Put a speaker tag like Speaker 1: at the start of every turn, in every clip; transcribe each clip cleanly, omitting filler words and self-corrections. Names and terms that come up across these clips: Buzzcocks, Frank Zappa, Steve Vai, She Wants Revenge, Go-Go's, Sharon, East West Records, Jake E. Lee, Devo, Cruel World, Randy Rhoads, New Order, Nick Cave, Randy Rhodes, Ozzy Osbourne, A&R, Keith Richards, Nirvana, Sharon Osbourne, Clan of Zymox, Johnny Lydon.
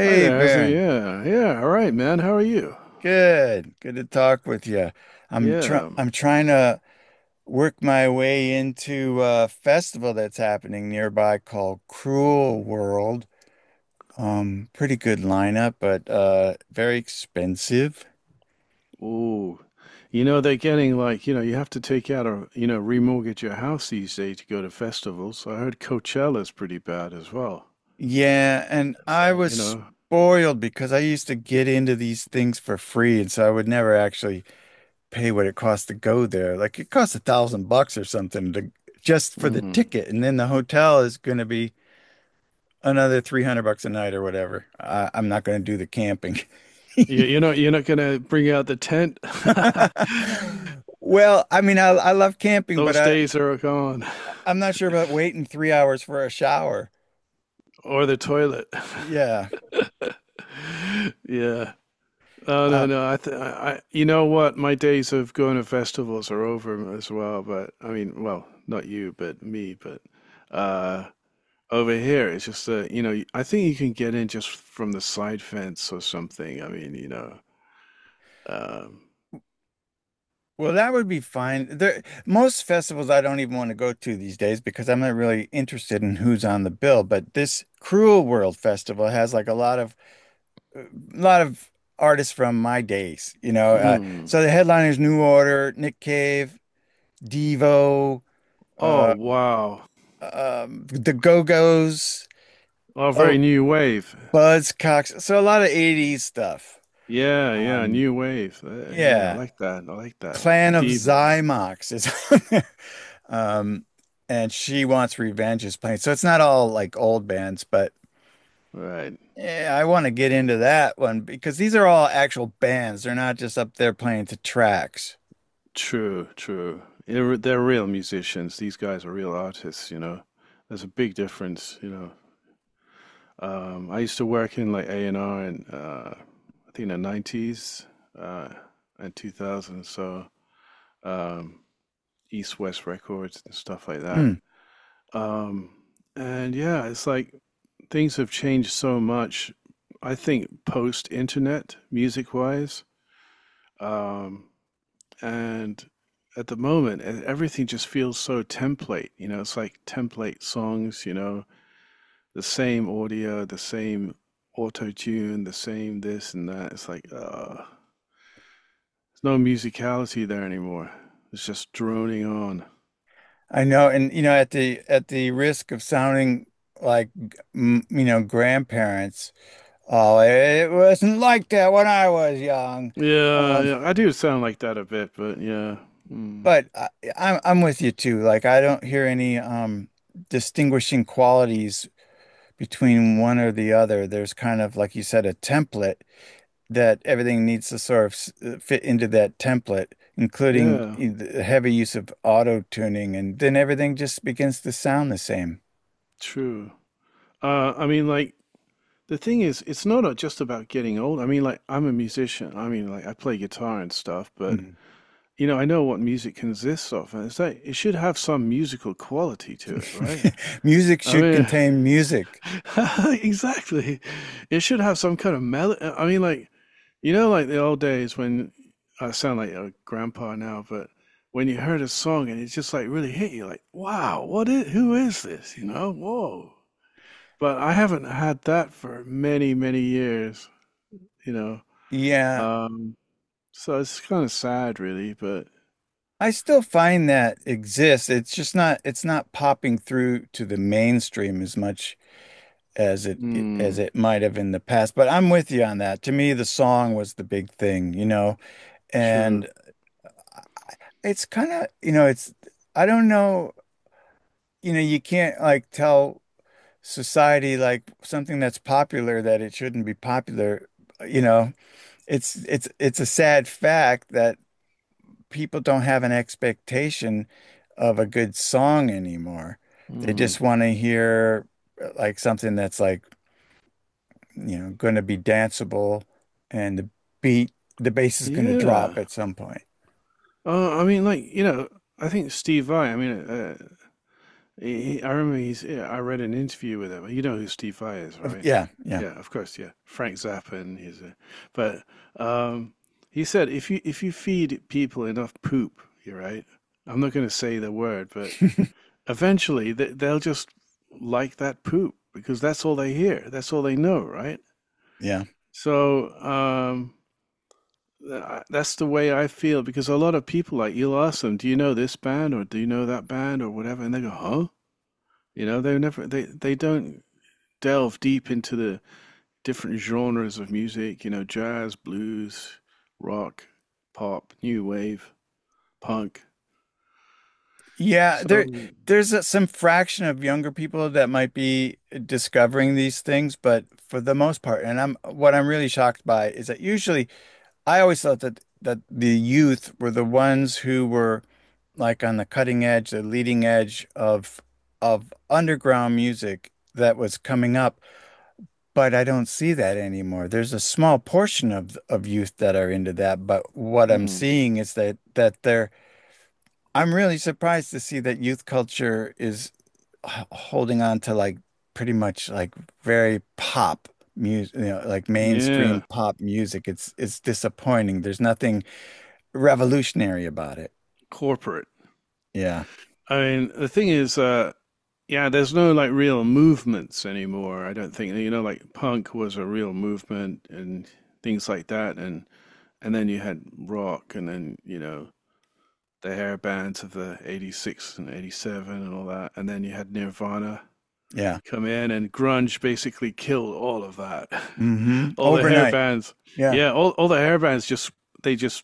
Speaker 1: Hi there, how's it?
Speaker 2: Baron.
Speaker 1: Yeah, all right, man. How are you?
Speaker 2: Good. Good to talk with you. I'm try
Speaker 1: Yeah.
Speaker 2: I'm trying to work my way into a festival that's happening nearby called Cruel World. Pretty good lineup, but very expensive.
Speaker 1: Ooh, they're getting like you have to take out a remortgage your house these days to go to festivals. I heard Coachella's pretty bad as well.
Speaker 2: Yeah, and
Speaker 1: It's
Speaker 2: I
Speaker 1: like
Speaker 2: was spoiled because I used to get into these things for free, and so I would never actually pay what it costs to go there. Like it costs 1,000 bucks or something to just for the
Speaker 1: mm,
Speaker 2: ticket, and then the hotel is going to be another 300 bucks a night or whatever. I'm not going to do the camping.
Speaker 1: you you're not gonna bring out the tent.
Speaker 2: Well, I mean, I love camping, but
Speaker 1: Those days are gone,
Speaker 2: I'm not sure about waiting 3 hours for a shower.
Speaker 1: or the toilet.
Speaker 2: Yeah.
Speaker 1: Yeah. No,
Speaker 2: Uh,
Speaker 1: no, no. You know what? My days of going to festivals are over as well. But I mean, well, not you, but me. But uh, over here, it's just I think you can get in just from the side fence or something. I mean, Um,
Speaker 2: well, that would be fine. There, most festivals I don't even want to go to these days because I'm not really interested in who's on the bill. But this Cruel World Festival has like a lot of artists from my days, you know.
Speaker 1: mm.
Speaker 2: So the headliners: New Order, Nick Cave, Devo,
Speaker 1: Oh,
Speaker 2: uh,
Speaker 1: wow!
Speaker 2: the Go-Go's,
Speaker 1: Oh,
Speaker 2: oh,
Speaker 1: very new wave.
Speaker 2: Buzzcocks. So a lot of '80s stuff.
Speaker 1: Yeah,
Speaker 2: Um,
Speaker 1: new wave. Yeah, I
Speaker 2: yeah,
Speaker 1: like that. I like that.
Speaker 2: Clan of
Speaker 1: Devo.
Speaker 2: Zymox is on there. Um, and She Wants Revenge is playing. So it's not all like old bands, but
Speaker 1: Right.
Speaker 2: yeah, I want to get into that one because these are all actual bands. They're not just up there playing to tracks.
Speaker 1: True, true. They're real musicians. These guys are real artists, you know. There's a big difference, you know. I used to work in like A&R in I think the 90s uh, and 2000s, so um, East West Records and stuff like that.
Speaker 2: Mm,
Speaker 1: Um, and yeah, it's like things have changed so much. I think post internet, music wise. Um, and at the moment everything just feels so template, it's like template songs, the same audio, the same auto tune, the same this and that. It's like there's no musicality there anymore. It's just droning on.
Speaker 2: I know, and you know, at the risk of sounding like m you know grandparents, oh, it wasn't like that when I was young.
Speaker 1: Yeah,
Speaker 2: Um,
Speaker 1: yeah, I do sound like that a bit, but yeah. Mm,
Speaker 2: but I'm with you too. Like I don't hear any distinguishing qualities between one or the other. There's kind of, like you said, a template that everything needs to sort of fit into that template, including
Speaker 1: yeah,
Speaker 2: the heavy use of auto tuning, and then everything just begins to sound the same.
Speaker 1: true. I mean, like, the thing is it's not just about getting old. I mean, like, I'm a musician. I mean, like, I play guitar and stuff, but
Speaker 2: Mm.
Speaker 1: you know, I know what music consists of, and it's like it should have some musical quality to it, right?
Speaker 2: Music
Speaker 1: I
Speaker 2: should
Speaker 1: mean,
Speaker 2: contain music.
Speaker 1: exactly. It should have some kind of melody. I mean, like, you know, like the old days when I sound like a grandpa now, but when you heard a song and it just like really hit you, like, wow, what is, who is this? You know, whoa. But I haven't had that for many, many years, you know.
Speaker 2: Yeah,
Speaker 1: Um, so it's kind of sad, really, but
Speaker 2: I still find that exists. It's not popping through to the mainstream as much as it as
Speaker 1: mm,
Speaker 2: it might have in the past. But I'm with you on that. To me, the song was the big thing, you know.
Speaker 1: sure.
Speaker 2: And it's kind of, you know, I don't know, you can't like tell society like something that's popular that it shouldn't be popular. You know, it's a sad fact that people don't have an expectation of a good song anymore. They just want to hear like something that's like, you know, going to be danceable and beat, the bass is going to
Speaker 1: Yeah.
Speaker 2: drop at some point.
Speaker 1: I mean, like, I think Steve Vai, I mean, I remember yeah, I read an interview with him. You know who Steve Vai is, right?
Speaker 2: Yeah, yeah,
Speaker 1: Yeah, of course, yeah. Frank Zappa and his, but um, he said if you feed people enough poop, you're right. I'm not going to say the word, but eventually they'll just like that poop because that's all they hear. That's all they know, right?
Speaker 2: yeah.
Speaker 1: So, um, that's the way I feel because a lot of people, like, you'll ask them, "Do you know this band or do you know that band or whatever?" and they go, "Huh?" You know, they never they they don't delve deep into the different genres of music, you know, jazz, blues, rock, pop, new wave, punk.
Speaker 2: Yeah,
Speaker 1: So,
Speaker 2: there's a, some fraction of younger people that might be discovering these things, but for the most part, and I'm really shocked by is that usually I always thought that the youth were the ones who were like on the cutting edge, the leading edge of underground music that was coming up, but I don't see that anymore. There's a small portion of youth that are into that, but what I'm
Speaker 1: mm,
Speaker 2: seeing is that that they're I'm really surprised to see that youth culture is holding on to like pretty much like very pop music, you know, like mainstream
Speaker 1: yeah,
Speaker 2: pop music. It's disappointing. There's nothing revolutionary about it.
Speaker 1: corporate.
Speaker 2: Yeah.
Speaker 1: I mean, the thing is, yeah, there's no like real movements anymore. I don't think, you know, like punk was a real movement and things like that, and then you had rock, and then you know the hair bands of the '86 and '87 and all that, and then you had Nirvana
Speaker 2: Yeah.
Speaker 1: come in, and grunge basically killed all of that.
Speaker 2: Hmm.
Speaker 1: all the hair
Speaker 2: Overnight.
Speaker 1: bands,
Speaker 2: Yeah.
Speaker 1: yeah, all the hair bands just they just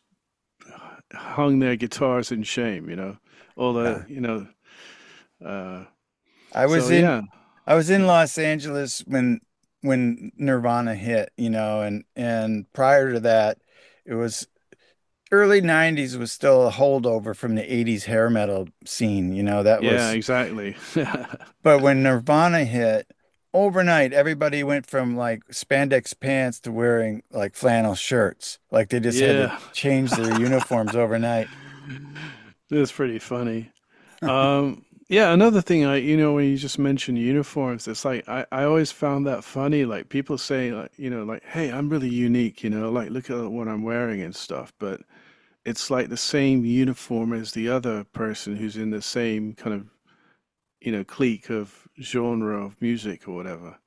Speaker 1: hung their guitars in shame, you know. All the
Speaker 2: Yeah.
Speaker 1: you know, uh,
Speaker 2: I
Speaker 1: so
Speaker 2: was in
Speaker 1: yeah,
Speaker 2: I was in
Speaker 1: um,
Speaker 2: Los Angeles when Nirvana hit, you know, and prior to that, it was early 90s was still a holdover from the 80s hair metal scene, you know, that
Speaker 1: yeah,
Speaker 2: was
Speaker 1: exactly,
Speaker 2: but when Nirvana hit overnight everybody went from like spandex pants to wearing like flannel shirts. Like they just had to
Speaker 1: yeah.
Speaker 2: change their uniforms overnight.
Speaker 1: That's pretty funny. Um, yeah, another thing you know, when you just mentioned uniforms, it's like I always found that funny. Like people say, like, you know, like, hey, I'm really unique, you know, like look at what I'm wearing and stuff. But it's like the same uniform as the other person who's in the same kind of, you know, clique of genre of music or whatever,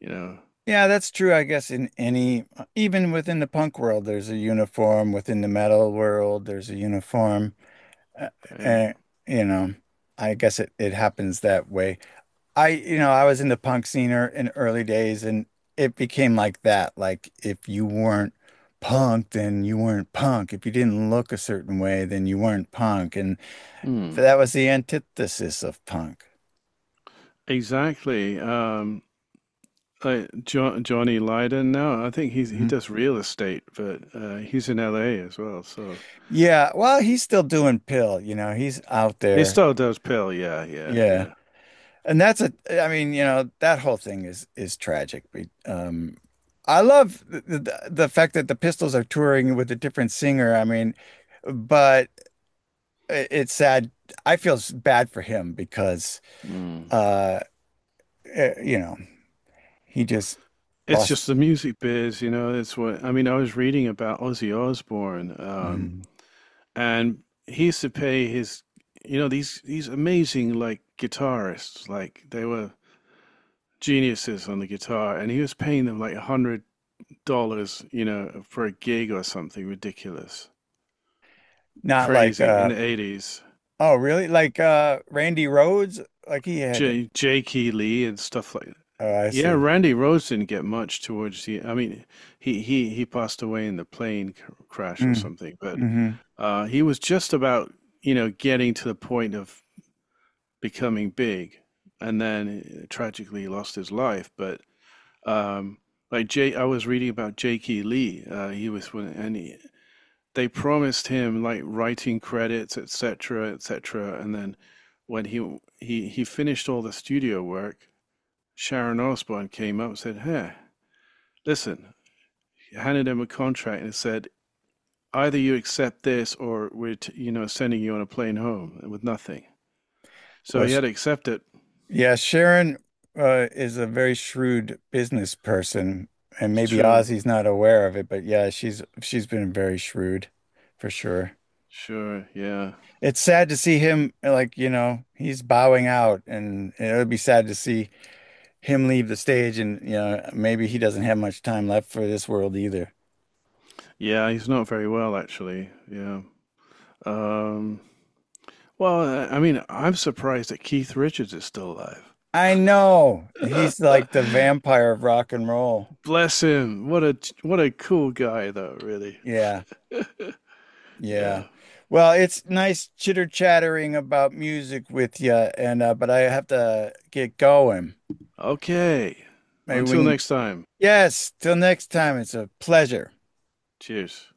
Speaker 1: you know.
Speaker 2: Yeah, that's true. I guess in any, even within the punk world there's a uniform, within the metal world there's a uniform. Uh,
Speaker 1: Um,
Speaker 2: uh, you know, I guess it happens that way. You know, I was in the punk scene in early days and it became like that. Like if you weren't punk, then you weren't punk. If you didn't look a certain way, then you weren't punk. And
Speaker 1: hmm.
Speaker 2: that was the antithesis of punk.
Speaker 1: Exactly. Like Johnny Lydon now, I think he
Speaker 2: Mhm.
Speaker 1: does real estate, but he's in LA as well, so.
Speaker 2: Yeah, well, he's still doing Pill, you know, he's out
Speaker 1: He
Speaker 2: there.
Speaker 1: still does pill, yeah, yeah,
Speaker 2: Yeah.
Speaker 1: yeah.
Speaker 2: And that's a, I mean, you know, that whole thing is tragic. But, I love the fact that the Pistols are touring with a different singer. I mean, but it's sad. I feel bad for him because
Speaker 1: Mm.
Speaker 2: uh you know, he just
Speaker 1: It's
Speaker 2: lost.
Speaker 1: just the music biz, you know. It's what I mean. I was reading about Ozzy Osbourne,
Speaker 2: Mhm.
Speaker 1: and he used to pay his, you know, these amazing like guitarists, like they were geniuses on the guitar, and he was paying them like $100, you know, for a gig or something ridiculous,
Speaker 2: Not like
Speaker 1: crazy in
Speaker 2: uh,
Speaker 1: the '80s.
Speaker 2: oh really? Like uh, Randy Rhodes? Like he had,
Speaker 1: J- Jakey Lee and stuff like that.
Speaker 2: oh I
Speaker 1: Yeah,
Speaker 2: see.
Speaker 1: Randy Rhoads didn't get much towards the. I mean, he passed away in the plane c- crash or
Speaker 2: Mm.
Speaker 1: something, but
Speaker 2: Hmm.
Speaker 1: he was just about, you know, getting to the point of becoming big, and then tragically lost his life. But um, I was reading about Jake E. Lee. He was one, they promised him like writing credits, etc., etc., and then when he finished all the studio work, Sharon Osbourne came up and said, "Hey. Listen, I handed him a contract and said, either you accept this or we're, you know, sending you on a plane home with nothing. So
Speaker 2: Well
Speaker 1: he
Speaker 2: sh,
Speaker 1: had to accept it."
Speaker 2: yeah, Sharon is a very shrewd business person and
Speaker 1: It's
Speaker 2: maybe
Speaker 1: true.
Speaker 2: Ozzy's not aware of it, but yeah, she's been very shrewd for sure.
Speaker 1: Sure. Yeah.
Speaker 2: It's sad to see him like, you know, he's bowing out and it would be sad to see him leave the stage, and you know maybe he doesn't have much time left for this world either.
Speaker 1: Yeah. He's not very well, actually. Yeah. Um, well, I mean, I'm surprised that Keith Richards is still
Speaker 2: I know.
Speaker 1: alive.
Speaker 2: He's like the vampire of rock and roll.
Speaker 1: Bless him. What a cool guy, though. Really.
Speaker 2: Yeah. Yeah.
Speaker 1: Yeah.
Speaker 2: Well, it's nice chitter chattering about music with you, and but I have to get going.
Speaker 1: Okay.
Speaker 2: Maybe we
Speaker 1: Until
Speaker 2: can,
Speaker 1: next time.
Speaker 2: yes, till next time. It's a pleasure.
Speaker 1: Cheers.